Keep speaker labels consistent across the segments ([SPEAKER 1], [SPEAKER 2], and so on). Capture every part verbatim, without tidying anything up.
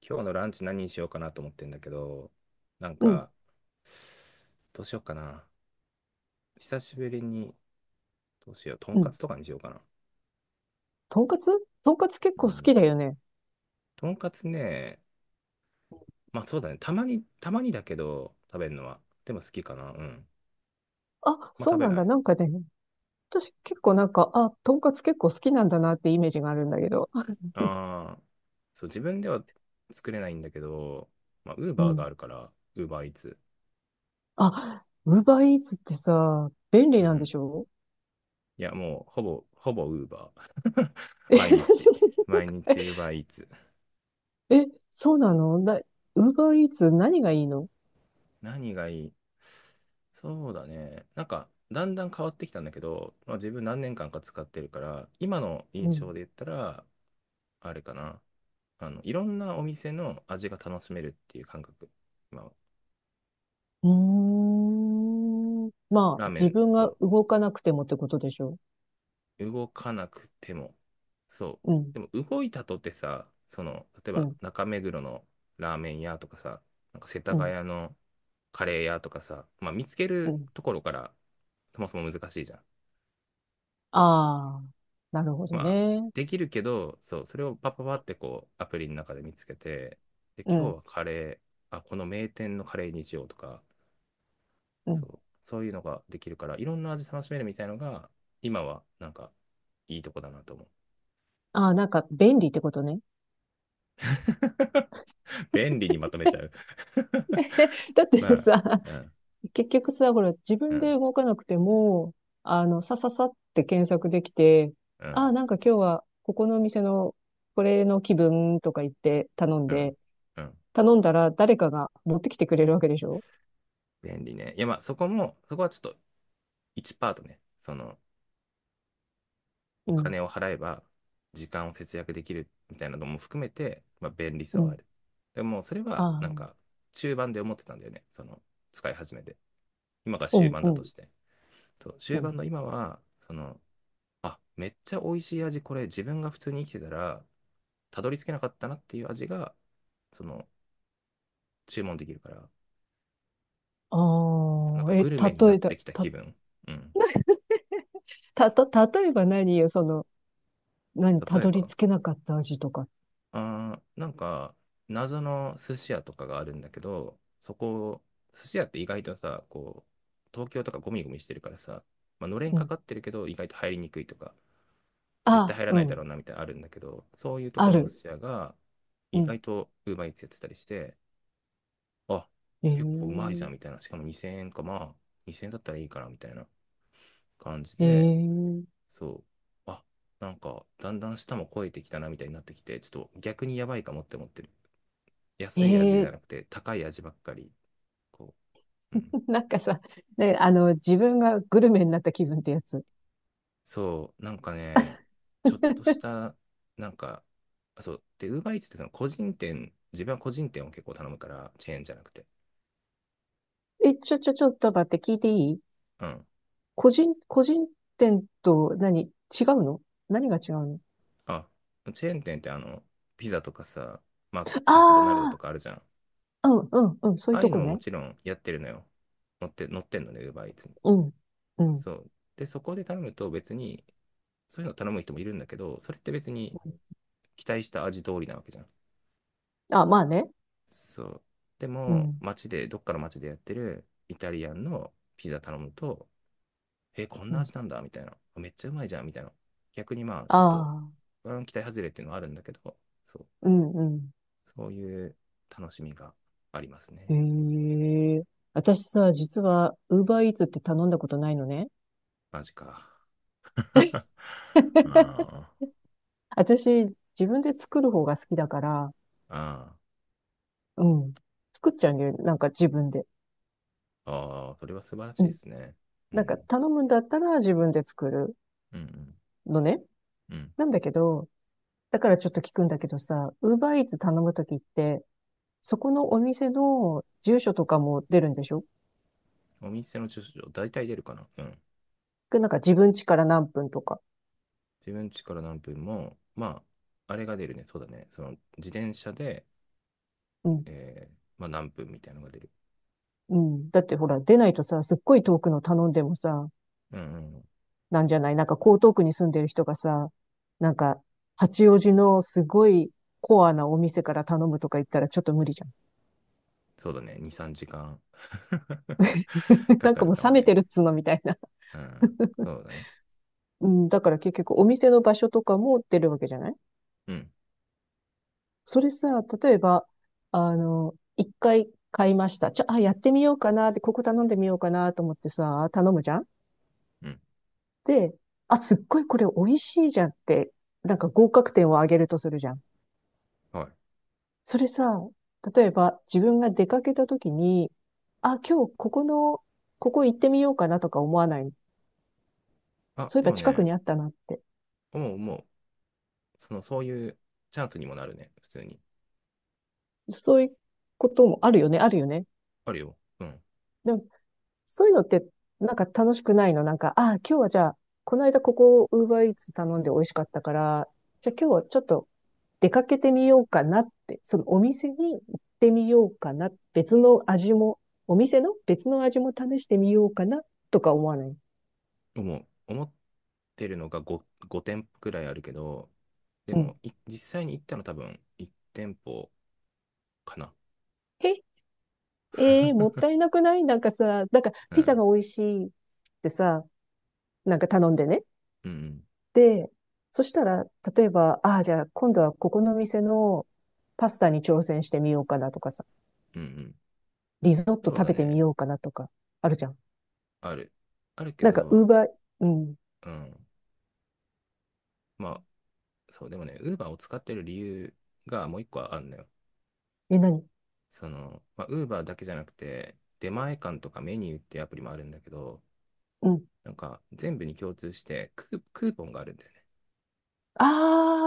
[SPEAKER 1] 今日のランチ何にしようかなと思ってんだけど、なん
[SPEAKER 2] うん、
[SPEAKER 1] か、どうしようかな。久しぶりに、どうしよう。とん
[SPEAKER 2] う
[SPEAKER 1] か
[SPEAKER 2] ん。
[SPEAKER 1] つとかにしようかな。
[SPEAKER 2] とんかつとんかつ結
[SPEAKER 1] う
[SPEAKER 2] 構好き
[SPEAKER 1] ん。
[SPEAKER 2] だよね。
[SPEAKER 1] とんかつね、まあそうだね。たまに、たまにだけど、食べるのは。でも好きかな。うん。
[SPEAKER 2] あ、
[SPEAKER 1] まあ
[SPEAKER 2] そ
[SPEAKER 1] 食
[SPEAKER 2] う
[SPEAKER 1] べ
[SPEAKER 2] なん
[SPEAKER 1] な
[SPEAKER 2] だ。
[SPEAKER 1] い。
[SPEAKER 2] なんかね、私結構なんか、あ、とんかつ結構好きなんだなってイメージがあるんだけど。
[SPEAKER 1] ああ、そう、自分では作れないんだけど、まあ、ウー
[SPEAKER 2] う
[SPEAKER 1] バーが
[SPEAKER 2] ん。
[SPEAKER 1] あるから、ウーバーイーツ。
[SPEAKER 2] あ、ウーバーイーツってさ、便利
[SPEAKER 1] う
[SPEAKER 2] なんで
[SPEAKER 1] ん。
[SPEAKER 2] しょ？
[SPEAKER 1] いや、もう、ほぼ、ほぼウーバー。
[SPEAKER 2] え、
[SPEAKER 1] 毎日。毎日ウーバーイーツ。
[SPEAKER 2] え、そうなのな、ウーバーイーツ何がいいの？
[SPEAKER 1] 何がいい？そうだね。なんか、だんだん変わってきたんだけど、まあ、自分何年間か使ってるから、今の
[SPEAKER 2] う
[SPEAKER 1] 印象
[SPEAKER 2] ん。
[SPEAKER 1] で言ったら、あれかな。あの、いろんなお店の味が楽しめるっていう感覚。まあ、
[SPEAKER 2] うーん。ま
[SPEAKER 1] ラー
[SPEAKER 2] あ、
[SPEAKER 1] メ
[SPEAKER 2] 自
[SPEAKER 1] ン、
[SPEAKER 2] 分が
[SPEAKER 1] そ
[SPEAKER 2] 動かなくてもってことでしょ？
[SPEAKER 1] う。動かなくても。そう。
[SPEAKER 2] うん、
[SPEAKER 1] でも、動いたとてさ、その、例え
[SPEAKER 2] う
[SPEAKER 1] ば
[SPEAKER 2] ん、
[SPEAKER 1] 中目黒のラーメン屋とかさ、なんか世田
[SPEAKER 2] うん、
[SPEAKER 1] 谷のカレー屋とかさ、まあ、見つけ
[SPEAKER 2] う
[SPEAKER 1] る
[SPEAKER 2] ん。
[SPEAKER 1] ところから、そもそも難しいじゃん。
[SPEAKER 2] ああ、なるほど
[SPEAKER 1] まあ、
[SPEAKER 2] ね。
[SPEAKER 1] できるけど、そう、それをパパパってこう、アプリの中で見つけて、で、
[SPEAKER 2] う
[SPEAKER 1] 今日
[SPEAKER 2] ん、
[SPEAKER 1] はカレー、あ、この名店のカレーにしようとか、
[SPEAKER 2] う
[SPEAKER 1] そ
[SPEAKER 2] ん。
[SPEAKER 1] う、そういうのができるから、いろんな味楽しめるみたいのが、今は、なんか、いいとこだなと思う。
[SPEAKER 2] ああ、なんか便利ってことね。
[SPEAKER 1] 便利にまとめちゃう。
[SPEAKER 2] だっ
[SPEAKER 1] ま
[SPEAKER 2] て
[SPEAKER 1] あ、
[SPEAKER 2] さ、
[SPEAKER 1] うん、
[SPEAKER 2] 結局さ、ほら、自
[SPEAKER 1] う
[SPEAKER 2] 分で
[SPEAKER 1] ん、
[SPEAKER 2] 動かなくても、あの、さささって検索できて、
[SPEAKER 1] う
[SPEAKER 2] あ
[SPEAKER 1] ん、
[SPEAKER 2] あ、なんか今日は、ここのお店の、これの気分とか言って頼ん
[SPEAKER 1] うん、
[SPEAKER 2] で、
[SPEAKER 1] うん。
[SPEAKER 2] 頼んだら誰かが持ってきてくれるわけでしょ？
[SPEAKER 1] 便利ね。いや、まあ、そこも、そこはちょっとワンパートね、その、お
[SPEAKER 2] うん、
[SPEAKER 1] 金を払えば時間を節約できるみたいなのも含めて、まあ、便利さ
[SPEAKER 2] う
[SPEAKER 1] はあ
[SPEAKER 2] ん、
[SPEAKER 1] る。でもそれ
[SPEAKER 2] あ
[SPEAKER 1] はなん
[SPEAKER 2] あ、
[SPEAKER 1] か中盤で思ってたんだよね。その使い始めて。今が
[SPEAKER 2] う
[SPEAKER 1] 終
[SPEAKER 2] ん、
[SPEAKER 1] 盤
[SPEAKER 2] う
[SPEAKER 1] だと
[SPEAKER 2] ん、
[SPEAKER 1] して。そう、
[SPEAKER 2] う
[SPEAKER 1] 終
[SPEAKER 2] ん。
[SPEAKER 1] 盤の今は、その、あ、めっちゃ美味しい味、これ自分が普通に生きてたら、たどり着けなかったなっていう味が、その、注文できるから、なん
[SPEAKER 2] ああ、
[SPEAKER 1] か
[SPEAKER 2] え、
[SPEAKER 1] グルメにな
[SPEAKER 2] 例え
[SPEAKER 1] っ
[SPEAKER 2] た、
[SPEAKER 1] てきた
[SPEAKER 2] た、
[SPEAKER 1] 気分。うん。
[SPEAKER 2] た、た、例えば何よ、その、何、た
[SPEAKER 1] 例え
[SPEAKER 2] どり
[SPEAKER 1] ば、
[SPEAKER 2] 着けなかった味とか。
[SPEAKER 1] あー、なんか、謎の寿司屋とかがあるんだけど、そこ、寿司屋って意外とさ、こう、東京とかゴミゴミしてるからさ、まあ、のれん
[SPEAKER 2] う
[SPEAKER 1] か
[SPEAKER 2] ん。
[SPEAKER 1] かってるけど、意外と入りにくいとか、絶対
[SPEAKER 2] あ
[SPEAKER 1] 入ら
[SPEAKER 2] あ、う
[SPEAKER 1] ないだろう
[SPEAKER 2] ん、
[SPEAKER 1] なみたいなのあるんだけど、そういうとこ
[SPEAKER 2] あ
[SPEAKER 1] ろの寿
[SPEAKER 2] る。
[SPEAKER 1] 司屋が、
[SPEAKER 2] う
[SPEAKER 1] 意
[SPEAKER 2] ん。
[SPEAKER 1] 外と Uber Eats やってたりして、あ、結構うまいじゃ
[SPEAKER 2] え
[SPEAKER 1] んみ
[SPEAKER 2] え
[SPEAKER 1] たいな、しかもにせんえんか、まあ、にせんえんだったらいいかなみたいな感じで、
[SPEAKER 2] ええ
[SPEAKER 1] そう、あ、なんか、だんだん下も超えてきたなみたいになってきて、ちょっと逆にやばいかもって思ってる。
[SPEAKER 2] え
[SPEAKER 1] 安い味じゃな
[SPEAKER 2] え
[SPEAKER 1] くて高い味ばっかり。こう、うん。
[SPEAKER 2] なんかさ、ね、あの、自分がグルメになった気分ってやつ。
[SPEAKER 1] そう、なんかね、ちょっとし た、なんか、あそう、で、ウーバーイーツってその個人店、自分は個人店を結構頼むから、チェーンじゃなくて。
[SPEAKER 2] え、ちょ、ちょ、ちょっと待って、聞いていい？
[SPEAKER 1] うん。
[SPEAKER 2] 個人、個人店と何違うの何が違うの？
[SPEAKER 1] あ、チェーン店ってあの、ピザとかさ、マ、マクドナルドと
[SPEAKER 2] あ
[SPEAKER 1] かあるじゃん。
[SPEAKER 2] あー、うん、うん、うん、そう
[SPEAKER 1] あ
[SPEAKER 2] いう
[SPEAKER 1] あいう
[SPEAKER 2] と
[SPEAKER 1] の
[SPEAKER 2] こ
[SPEAKER 1] もも
[SPEAKER 2] ね。
[SPEAKER 1] ちろんやってるのよ。乗って、乗ってんのね、ウーバーイーツに。
[SPEAKER 2] うん、うん。
[SPEAKER 1] そう。で、そこで頼むと別に、そういうの頼む人もいるんだけど、それって別に期待した味通りなわけじゃん。
[SPEAKER 2] あ、まあね。
[SPEAKER 1] そう。で
[SPEAKER 2] う
[SPEAKER 1] も、
[SPEAKER 2] ん、
[SPEAKER 1] 街で、どっかの街でやってるイタリアンのピザ頼むと、え、こん
[SPEAKER 2] う
[SPEAKER 1] な
[SPEAKER 2] ん。
[SPEAKER 1] 味なんだみたいな。めっちゃうまいじゃんみたいな。逆にまあ、
[SPEAKER 2] あ
[SPEAKER 1] ちょっと、
[SPEAKER 2] あ、
[SPEAKER 1] うん、期待外れっていうのはあるんだけど、そう。
[SPEAKER 2] うん、うん。
[SPEAKER 1] そういう楽しみがあります
[SPEAKER 2] へ
[SPEAKER 1] ね。
[SPEAKER 2] え、私さ、実は、ウーバーイーツって頼んだことないのね。
[SPEAKER 1] マジか。あ
[SPEAKER 2] 私、自分で作る方が好きだから、
[SPEAKER 1] ああ
[SPEAKER 2] うん。作っちゃうんだよね。なんか自分で。
[SPEAKER 1] あ、ああ、それは素晴らし
[SPEAKER 2] う
[SPEAKER 1] いで
[SPEAKER 2] ん。
[SPEAKER 1] すね。う
[SPEAKER 2] なんか
[SPEAKER 1] ん。
[SPEAKER 2] 頼むんだったら自分で作る
[SPEAKER 1] うん
[SPEAKER 2] のね。
[SPEAKER 1] うん。うん。
[SPEAKER 2] なんだけど、だからちょっと聞くんだけどさ、ウーバーイーツ頼むときって、そこのお店の住所とかも出るんでしょ？
[SPEAKER 1] お店の駐車場、大体出るかな。うん。
[SPEAKER 2] でなんか自分家から何分とか。
[SPEAKER 1] 自分家から何分も、まあ、あれが出るね、そうだね。その自転車で、
[SPEAKER 2] うん。
[SPEAKER 1] えーまあ、何分みたいなのが出る。
[SPEAKER 2] うん。だってほら、出ないとさ、すっごい遠くの頼んでもさ、
[SPEAKER 1] うんうん。
[SPEAKER 2] なんじゃない、なんか江東区に住んでる人がさ、なんか、八王子のすごいコアなお店から頼むとか言ったらちょっと無理じゃん。
[SPEAKER 1] そうだね、に、さんじかんかん か
[SPEAKER 2] なん
[SPEAKER 1] か
[SPEAKER 2] か
[SPEAKER 1] る
[SPEAKER 2] もう
[SPEAKER 1] か
[SPEAKER 2] 冷
[SPEAKER 1] も
[SPEAKER 2] め
[SPEAKER 1] ね。
[SPEAKER 2] てるっつうのみたいな。
[SPEAKER 1] うん、そうだね。
[SPEAKER 2] うん、だから結局お店の場所とかも出るわけじゃない？
[SPEAKER 1] うん、
[SPEAKER 2] それさ、例えば、あの、いっかい買いました。ちょ、あ、やってみようかなって、ここ頼んでみようかなと思ってさ、頼むじゃん。
[SPEAKER 1] うん。
[SPEAKER 2] で、あ、すっごいこれ美味しいじゃんって、なんか合格点を上げるとするじゃん。
[SPEAKER 1] はい。
[SPEAKER 2] それさ、例えば自分が出かけた時に、あ、今日ここの、ここ行ってみようかなとか思わない？
[SPEAKER 1] あ、
[SPEAKER 2] そういえ
[SPEAKER 1] で
[SPEAKER 2] ば
[SPEAKER 1] も
[SPEAKER 2] 近く
[SPEAKER 1] ね、
[SPEAKER 2] にあったなって。
[SPEAKER 1] もうもう。その、そういうチャンスにもなるね、普通に。
[SPEAKER 2] そういうこともあるよね、あるよね。
[SPEAKER 1] あるよ。うん。
[SPEAKER 2] でもそういうのって、なんか楽しくないの？なんか、ああ、今日はじゃあ、この間ここ、ウーバーイーツ頼んで美味しかったから、じゃあ今日はちょっと出かけてみようかなって、そのお店に行ってみようかな、別の味も、お店の別の味も試してみようかな、とか思わない？
[SPEAKER 1] 思う。思ってるのが ご, ご店舗くらいあるけど、で
[SPEAKER 2] うん。
[SPEAKER 1] も、い実際に行ったの多分いち店舗かな。
[SPEAKER 2] え、えーもった いなくない？なんかさ、なんか
[SPEAKER 1] う
[SPEAKER 2] ピザ
[SPEAKER 1] ん。
[SPEAKER 2] が美味しいってさ、なんか頼んでね。
[SPEAKER 1] うんう
[SPEAKER 2] で、そしたら、例えば、ああ、じゃあ今度はここの店のパスタに挑戦してみようかなとかさ、
[SPEAKER 1] ん。うんうん。
[SPEAKER 2] リゾット
[SPEAKER 1] そう
[SPEAKER 2] 食
[SPEAKER 1] だ
[SPEAKER 2] べてみ
[SPEAKER 1] ね。
[SPEAKER 2] ようかなとか、あるじゃん。
[SPEAKER 1] ある。あるけ
[SPEAKER 2] なんか、ウー
[SPEAKER 1] ど、
[SPEAKER 2] バー、うん。
[SPEAKER 1] うん。まあ、そう、でもね、ウーバーを使ってる理由がもう一個あるんだよ。
[SPEAKER 2] え、何？
[SPEAKER 1] その、まあ、ウーバーだけじゃなくて、出前館とかメニューっていうアプリもあるんだけど、
[SPEAKER 2] うん。
[SPEAKER 1] なんか全部に共通してクー、クーポンがあるんだよね。
[SPEAKER 2] あ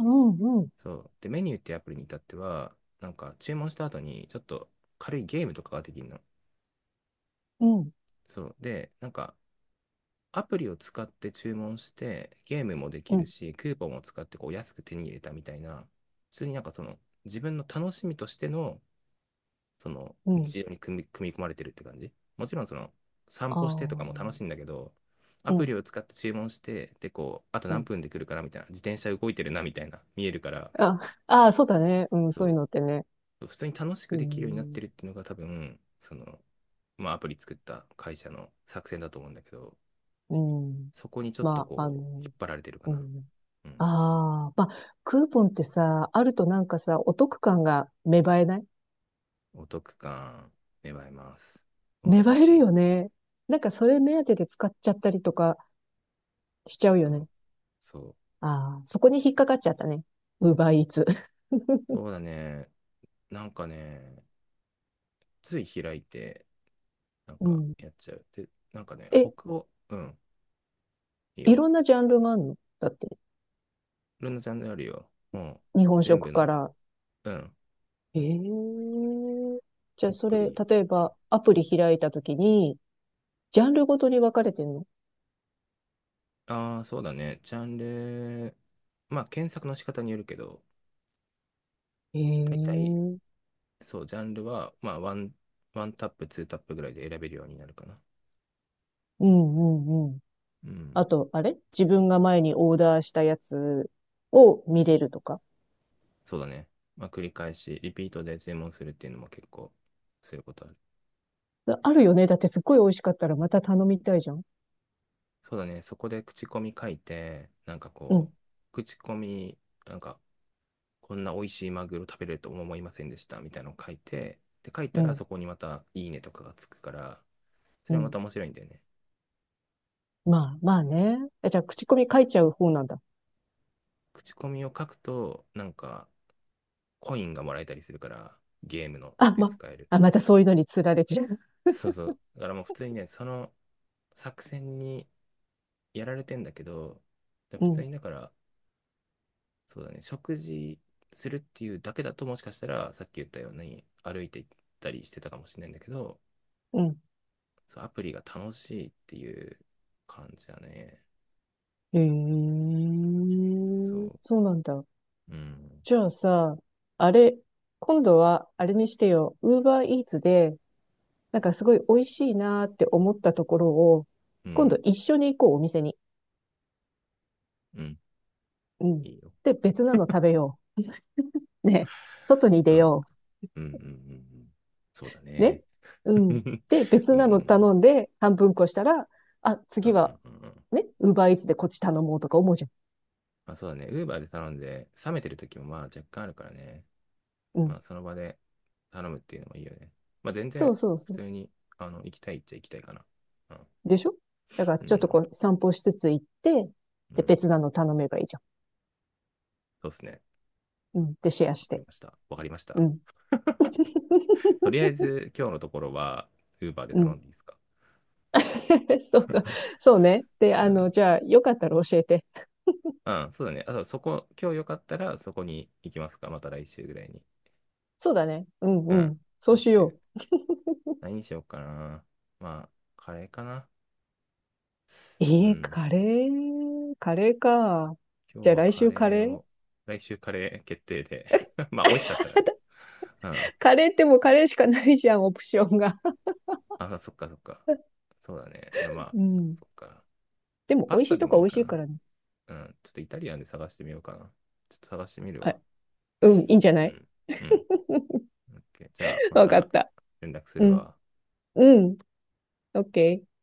[SPEAKER 2] あ、うん、うん、
[SPEAKER 1] そう。で、メニューっていうアプリに至っては、なんか注文した後にちょっと軽いゲームとかができるの。
[SPEAKER 2] うん、
[SPEAKER 1] そう。で、なんかアプリを使って注文して、ゲームもでき
[SPEAKER 2] う
[SPEAKER 1] る
[SPEAKER 2] ん、
[SPEAKER 1] し、クーポンを使ってこう安く手に入れたみたいな、普通になんかその、自分の楽しみとしての、その、
[SPEAKER 2] うん。
[SPEAKER 1] 日常に組み、組み込まれてるって感じ。もちろんその、散
[SPEAKER 2] あ
[SPEAKER 1] 歩してとかも楽
[SPEAKER 2] あ、
[SPEAKER 1] しいんだけど、ア
[SPEAKER 2] う
[SPEAKER 1] プ
[SPEAKER 2] ん、
[SPEAKER 1] リを使って注文して、で、こう、あと
[SPEAKER 2] う
[SPEAKER 1] 何
[SPEAKER 2] ん。
[SPEAKER 1] 分で来るかなみたいな、自転車動いてるなみたいな、見えるから、
[SPEAKER 2] あ、ああ、そうだね。うん、
[SPEAKER 1] そ
[SPEAKER 2] そういうのってね。
[SPEAKER 1] う、普通に楽し
[SPEAKER 2] う
[SPEAKER 1] くできるようになっ
[SPEAKER 2] ん、
[SPEAKER 1] てるっていうのが多分、その、まあ、アプリ作った会社の作戦だと思うんだけど、
[SPEAKER 2] うん。
[SPEAKER 1] そこにちょっと
[SPEAKER 2] まあ、あ
[SPEAKER 1] こう、引
[SPEAKER 2] の、
[SPEAKER 1] っ張られてるか
[SPEAKER 2] う
[SPEAKER 1] な。
[SPEAKER 2] ん。
[SPEAKER 1] うん。
[SPEAKER 2] ああ、まあ、クーポンってさ、あるとなんかさ、お得感が芽生えない？
[SPEAKER 1] お得感、芽生えます。そうなん
[SPEAKER 2] 粘
[SPEAKER 1] で
[SPEAKER 2] れ
[SPEAKER 1] す
[SPEAKER 2] る
[SPEAKER 1] よ。
[SPEAKER 2] よね。なんかそれ目当てで使っちゃったりとかしちゃう
[SPEAKER 1] そ
[SPEAKER 2] よね。
[SPEAKER 1] う。そう。
[SPEAKER 2] ああ、そこに引っかかっちゃったね。ウーバーイーツ。
[SPEAKER 1] そうだね。なんかね、つい開いて、なん
[SPEAKER 2] う
[SPEAKER 1] か
[SPEAKER 2] ん。
[SPEAKER 1] やっちゃう。で、なんかね、
[SPEAKER 2] え、
[SPEAKER 1] 北欧、うん、いい
[SPEAKER 2] い
[SPEAKER 1] よ。
[SPEAKER 2] ろんなジャンルがあるのだって、
[SPEAKER 1] ルナちゃんであるよ。も
[SPEAKER 2] 日
[SPEAKER 1] うん、
[SPEAKER 2] 本
[SPEAKER 1] 全部
[SPEAKER 2] 食か
[SPEAKER 1] の、
[SPEAKER 2] ら。
[SPEAKER 1] うん、
[SPEAKER 2] ええー、じゃ
[SPEAKER 1] ざ
[SPEAKER 2] あ
[SPEAKER 1] っ
[SPEAKER 2] そ
[SPEAKER 1] く
[SPEAKER 2] れ、
[SPEAKER 1] り。
[SPEAKER 2] 例えばアプリ開いたときに、ジャンルごとに分かれてるの？
[SPEAKER 1] ああー、そうだね。ジャンル、まあ、検索の仕方によるけど、
[SPEAKER 2] ええ
[SPEAKER 1] 大体、
[SPEAKER 2] ー、
[SPEAKER 1] そう、ジャンルは、まあ、ワン、ワンタップ、ツータップぐらいで選べるようになるかな。
[SPEAKER 2] うんうんうん。
[SPEAKER 1] うん。
[SPEAKER 2] あと、あれ自分が前にオーダーしたやつを見れるとか。
[SPEAKER 1] そうだね。まあ、繰り返し、リピートで注文するっていうのも結構することある。
[SPEAKER 2] あるよね。だってすっごい美味しかったらまた頼みたいじゃん。
[SPEAKER 1] そうだね。そこで口コミ書いて、なんか
[SPEAKER 2] うん。
[SPEAKER 1] こう、口コミ、なんか、こんな美味しいマグロ食べれると思いませんでしたみたいなのを書いて、で、書い
[SPEAKER 2] う
[SPEAKER 1] たら
[SPEAKER 2] ん、
[SPEAKER 1] そこにまたいいねとかがつくから、そ
[SPEAKER 2] う
[SPEAKER 1] れはま
[SPEAKER 2] ん。
[SPEAKER 1] た面白いんだよね。
[SPEAKER 2] まあ、まあね。え、じゃあ、口コミ書いちゃう方なんだ。
[SPEAKER 1] 口コミを書くと、なんか、コインがもらえたりするから、ゲームの
[SPEAKER 2] あ、
[SPEAKER 1] で
[SPEAKER 2] ま、
[SPEAKER 1] 使える。
[SPEAKER 2] あ、またそういうのに釣られちゃう。
[SPEAKER 1] そうそう。だからもう普通にね、その作戦にやられてんだけど、で
[SPEAKER 2] う
[SPEAKER 1] 普通
[SPEAKER 2] ん、
[SPEAKER 1] にだから、そうだね、食事するっていうだけだと、もしかしたらさっき言ったように歩いて行ったりしてたかもしれないんだけど、
[SPEAKER 2] うん。
[SPEAKER 1] そう、アプリが楽しいっていう感じだね。
[SPEAKER 2] へ
[SPEAKER 1] そ
[SPEAKER 2] え、そうなんだ。
[SPEAKER 1] う、うん、
[SPEAKER 2] じゃあさ、あれ、今度は、あれにしてよ、ウーバーイーツで、なんかすごい美味しいなーって思ったところを、
[SPEAKER 1] う
[SPEAKER 2] 今度
[SPEAKER 1] ん、
[SPEAKER 2] 一緒に行こう、お店に。
[SPEAKER 1] うん、
[SPEAKER 2] うん。
[SPEAKER 1] いいよ。
[SPEAKER 2] で、別なの食べよう。ね。外に出
[SPEAKER 1] うん、
[SPEAKER 2] よ
[SPEAKER 1] うん、うん、うん、うん。そうだ
[SPEAKER 2] う。ね。
[SPEAKER 1] ね。
[SPEAKER 2] う
[SPEAKER 1] うん、
[SPEAKER 2] ん。で、別
[SPEAKER 1] うん、う
[SPEAKER 2] なの
[SPEAKER 1] ん、
[SPEAKER 2] 頼んで、半分こしたら、あ、
[SPEAKER 1] うん、
[SPEAKER 2] 次は
[SPEAKER 1] うん。うんうん
[SPEAKER 2] ね、ウーバーイーツでこっち頼もうとか思うじゃん。
[SPEAKER 1] まあ、そうだね、ウーバーで頼んで、冷めてる時もまあ若干あるからね。
[SPEAKER 2] う
[SPEAKER 1] ま
[SPEAKER 2] ん。
[SPEAKER 1] あ、その場で頼むっていうのもいいよね。まあ、全
[SPEAKER 2] そ
[SPEAKER 1] 然
[SPEAKER 2] うそう
[SPEAKER 1] 普
[SPEAKER 2] そう。
[SPEAKER 1] 通に、あの、行きたいっちゃ行きたいかな。うん
[SPEAKER 2] でしょ？だから
[SPEAKER 1] う
[SPEAKER 2] ちょっと
[SPEAKER 1] ん。
[SPEAKER 2] こう散歩しつつ行って、
[SPEAKER 1] う
[SPEAKER 2] で、
[SPEAKER 1] ん。
[SPEAKER 2] 別なの頼めばいいじゃ
[SPEAKER 1] そうですね。
[SPEAKER 2] ん。うん。で、シェア
[SPEAKER 1] わ
[SPEAKER 2] し
[SPEAKER 1] かり
[SPEAKER 2] て。
[SPEAKER 1] ました。わかりまし
[SPEAKER 2] う
[SPEAKER 1] た。
[SPEAKER 2] ん。
[SPEAKER 1] とりあ えず、今日のところは、ウーバーで
[SPEAKER 2] う
[SPEAKER 1] 頼
[SPEAKER 2] ん。
[SPEAKER 1] んでいいですか？
[SPEAKER 2] そう、そうね。で、
[SPEAKER 1] う
[SPEAKER 2] あ
[SPEAKER 1] ん。
[SPEAKER 2] の、じゃあ、よかったら教えて。
[SPEAKER 1] うん、そうだね。あ、そうそこ、今日よかったら、そこに行きますか？また来週ぐらいに。
[SPEAKER 2] そうだね。うん
[SPEAKER 1] う
[SPEAKER 2] う
[SPEAKER 1] ん。
[SPEAKER 2] ん。そ
[SPEAKER 1] オ
[SPEAKER 2] う
[SPEAKER 1] ッ
[SPEAKER 2] し
[SPEAKER 1] ケ
[SPEAKER 2] よ
[SPEAKER 1] ー。何にしようかな。まあ、カレーかな。
[SPEAKER 2] う。
[SPEAKER 1] う
[SPEAKER 2] えー、
[SPEAKER 1] ん。
[SPEAKER 2] カレー、カレーか。
[SPEAKER 1] 今
[SPEAKER 2] じ
[SPEAKER 1] 日
[SPEAKER 2] ゃあ
[SPEAKER 1] は
[SPEAKER 2] 来
[SPEAKER 1] カ
[SPEAKER 2] 週カ
[SPEAKER 1] レー
[SPEAKER 2] レー？
[SPEAKER 1] を、来週カレー決定で。まあ、美味しかったらね。うん。
[SPEAKER 2] カレーってもうカレーしかないじゃん、オプションが。
[SPEAKER 1] あ、そっかそっか。そうだね。じゃあまあ、
[SPEAKER 2] うん。
[SPEAKER 1] そっか。
[SPEAKER 2] でも美
[SPEAKER 1] パ
[SPEAKER 2] 味
[SPEAKER 1] ス
[SPEAKER 2] し
[SPEAKER 1] タ
[SPEAKER 2] い
[SPEAKER 1] で
[SPEAKER 2] と
[SPEAKER 1] も
[SPEAKER 2] こ
[SPEAKER 1] い
[SPEAKER 2] は
[SPEAKER 1] い
[SPEAKER 2] 美味し
[SPEAKER 1] か
[SPEAKER 2] いか
[SPEAKER 1] な。
[SPEAKER 2] らね。
[SPEAKER 1] うん。ちょっとイタリアンで探してみようかな。ちょっと探してみる
[SPEAKER 2] あ、
[SPEAKER 1] わ。
[SPEAKER 2] うん、いいんじゃな
[SPEAKER 1] う
[SPEAKER 2] い？
[SPEAKER 1] ん。うん。オッケーじゃあ、ま
[SPEAKER 2] わか
[SPEAKER 1] た
[SPEAKER 2] った。
[SPEAKER 1] 連絡す
[SPEAKER 2] う
[SPEAKER 1] る
[SPEAKER 2] ん。
[SPEAKER 1] わ。
[SPEAKER 2] うん、オーケー。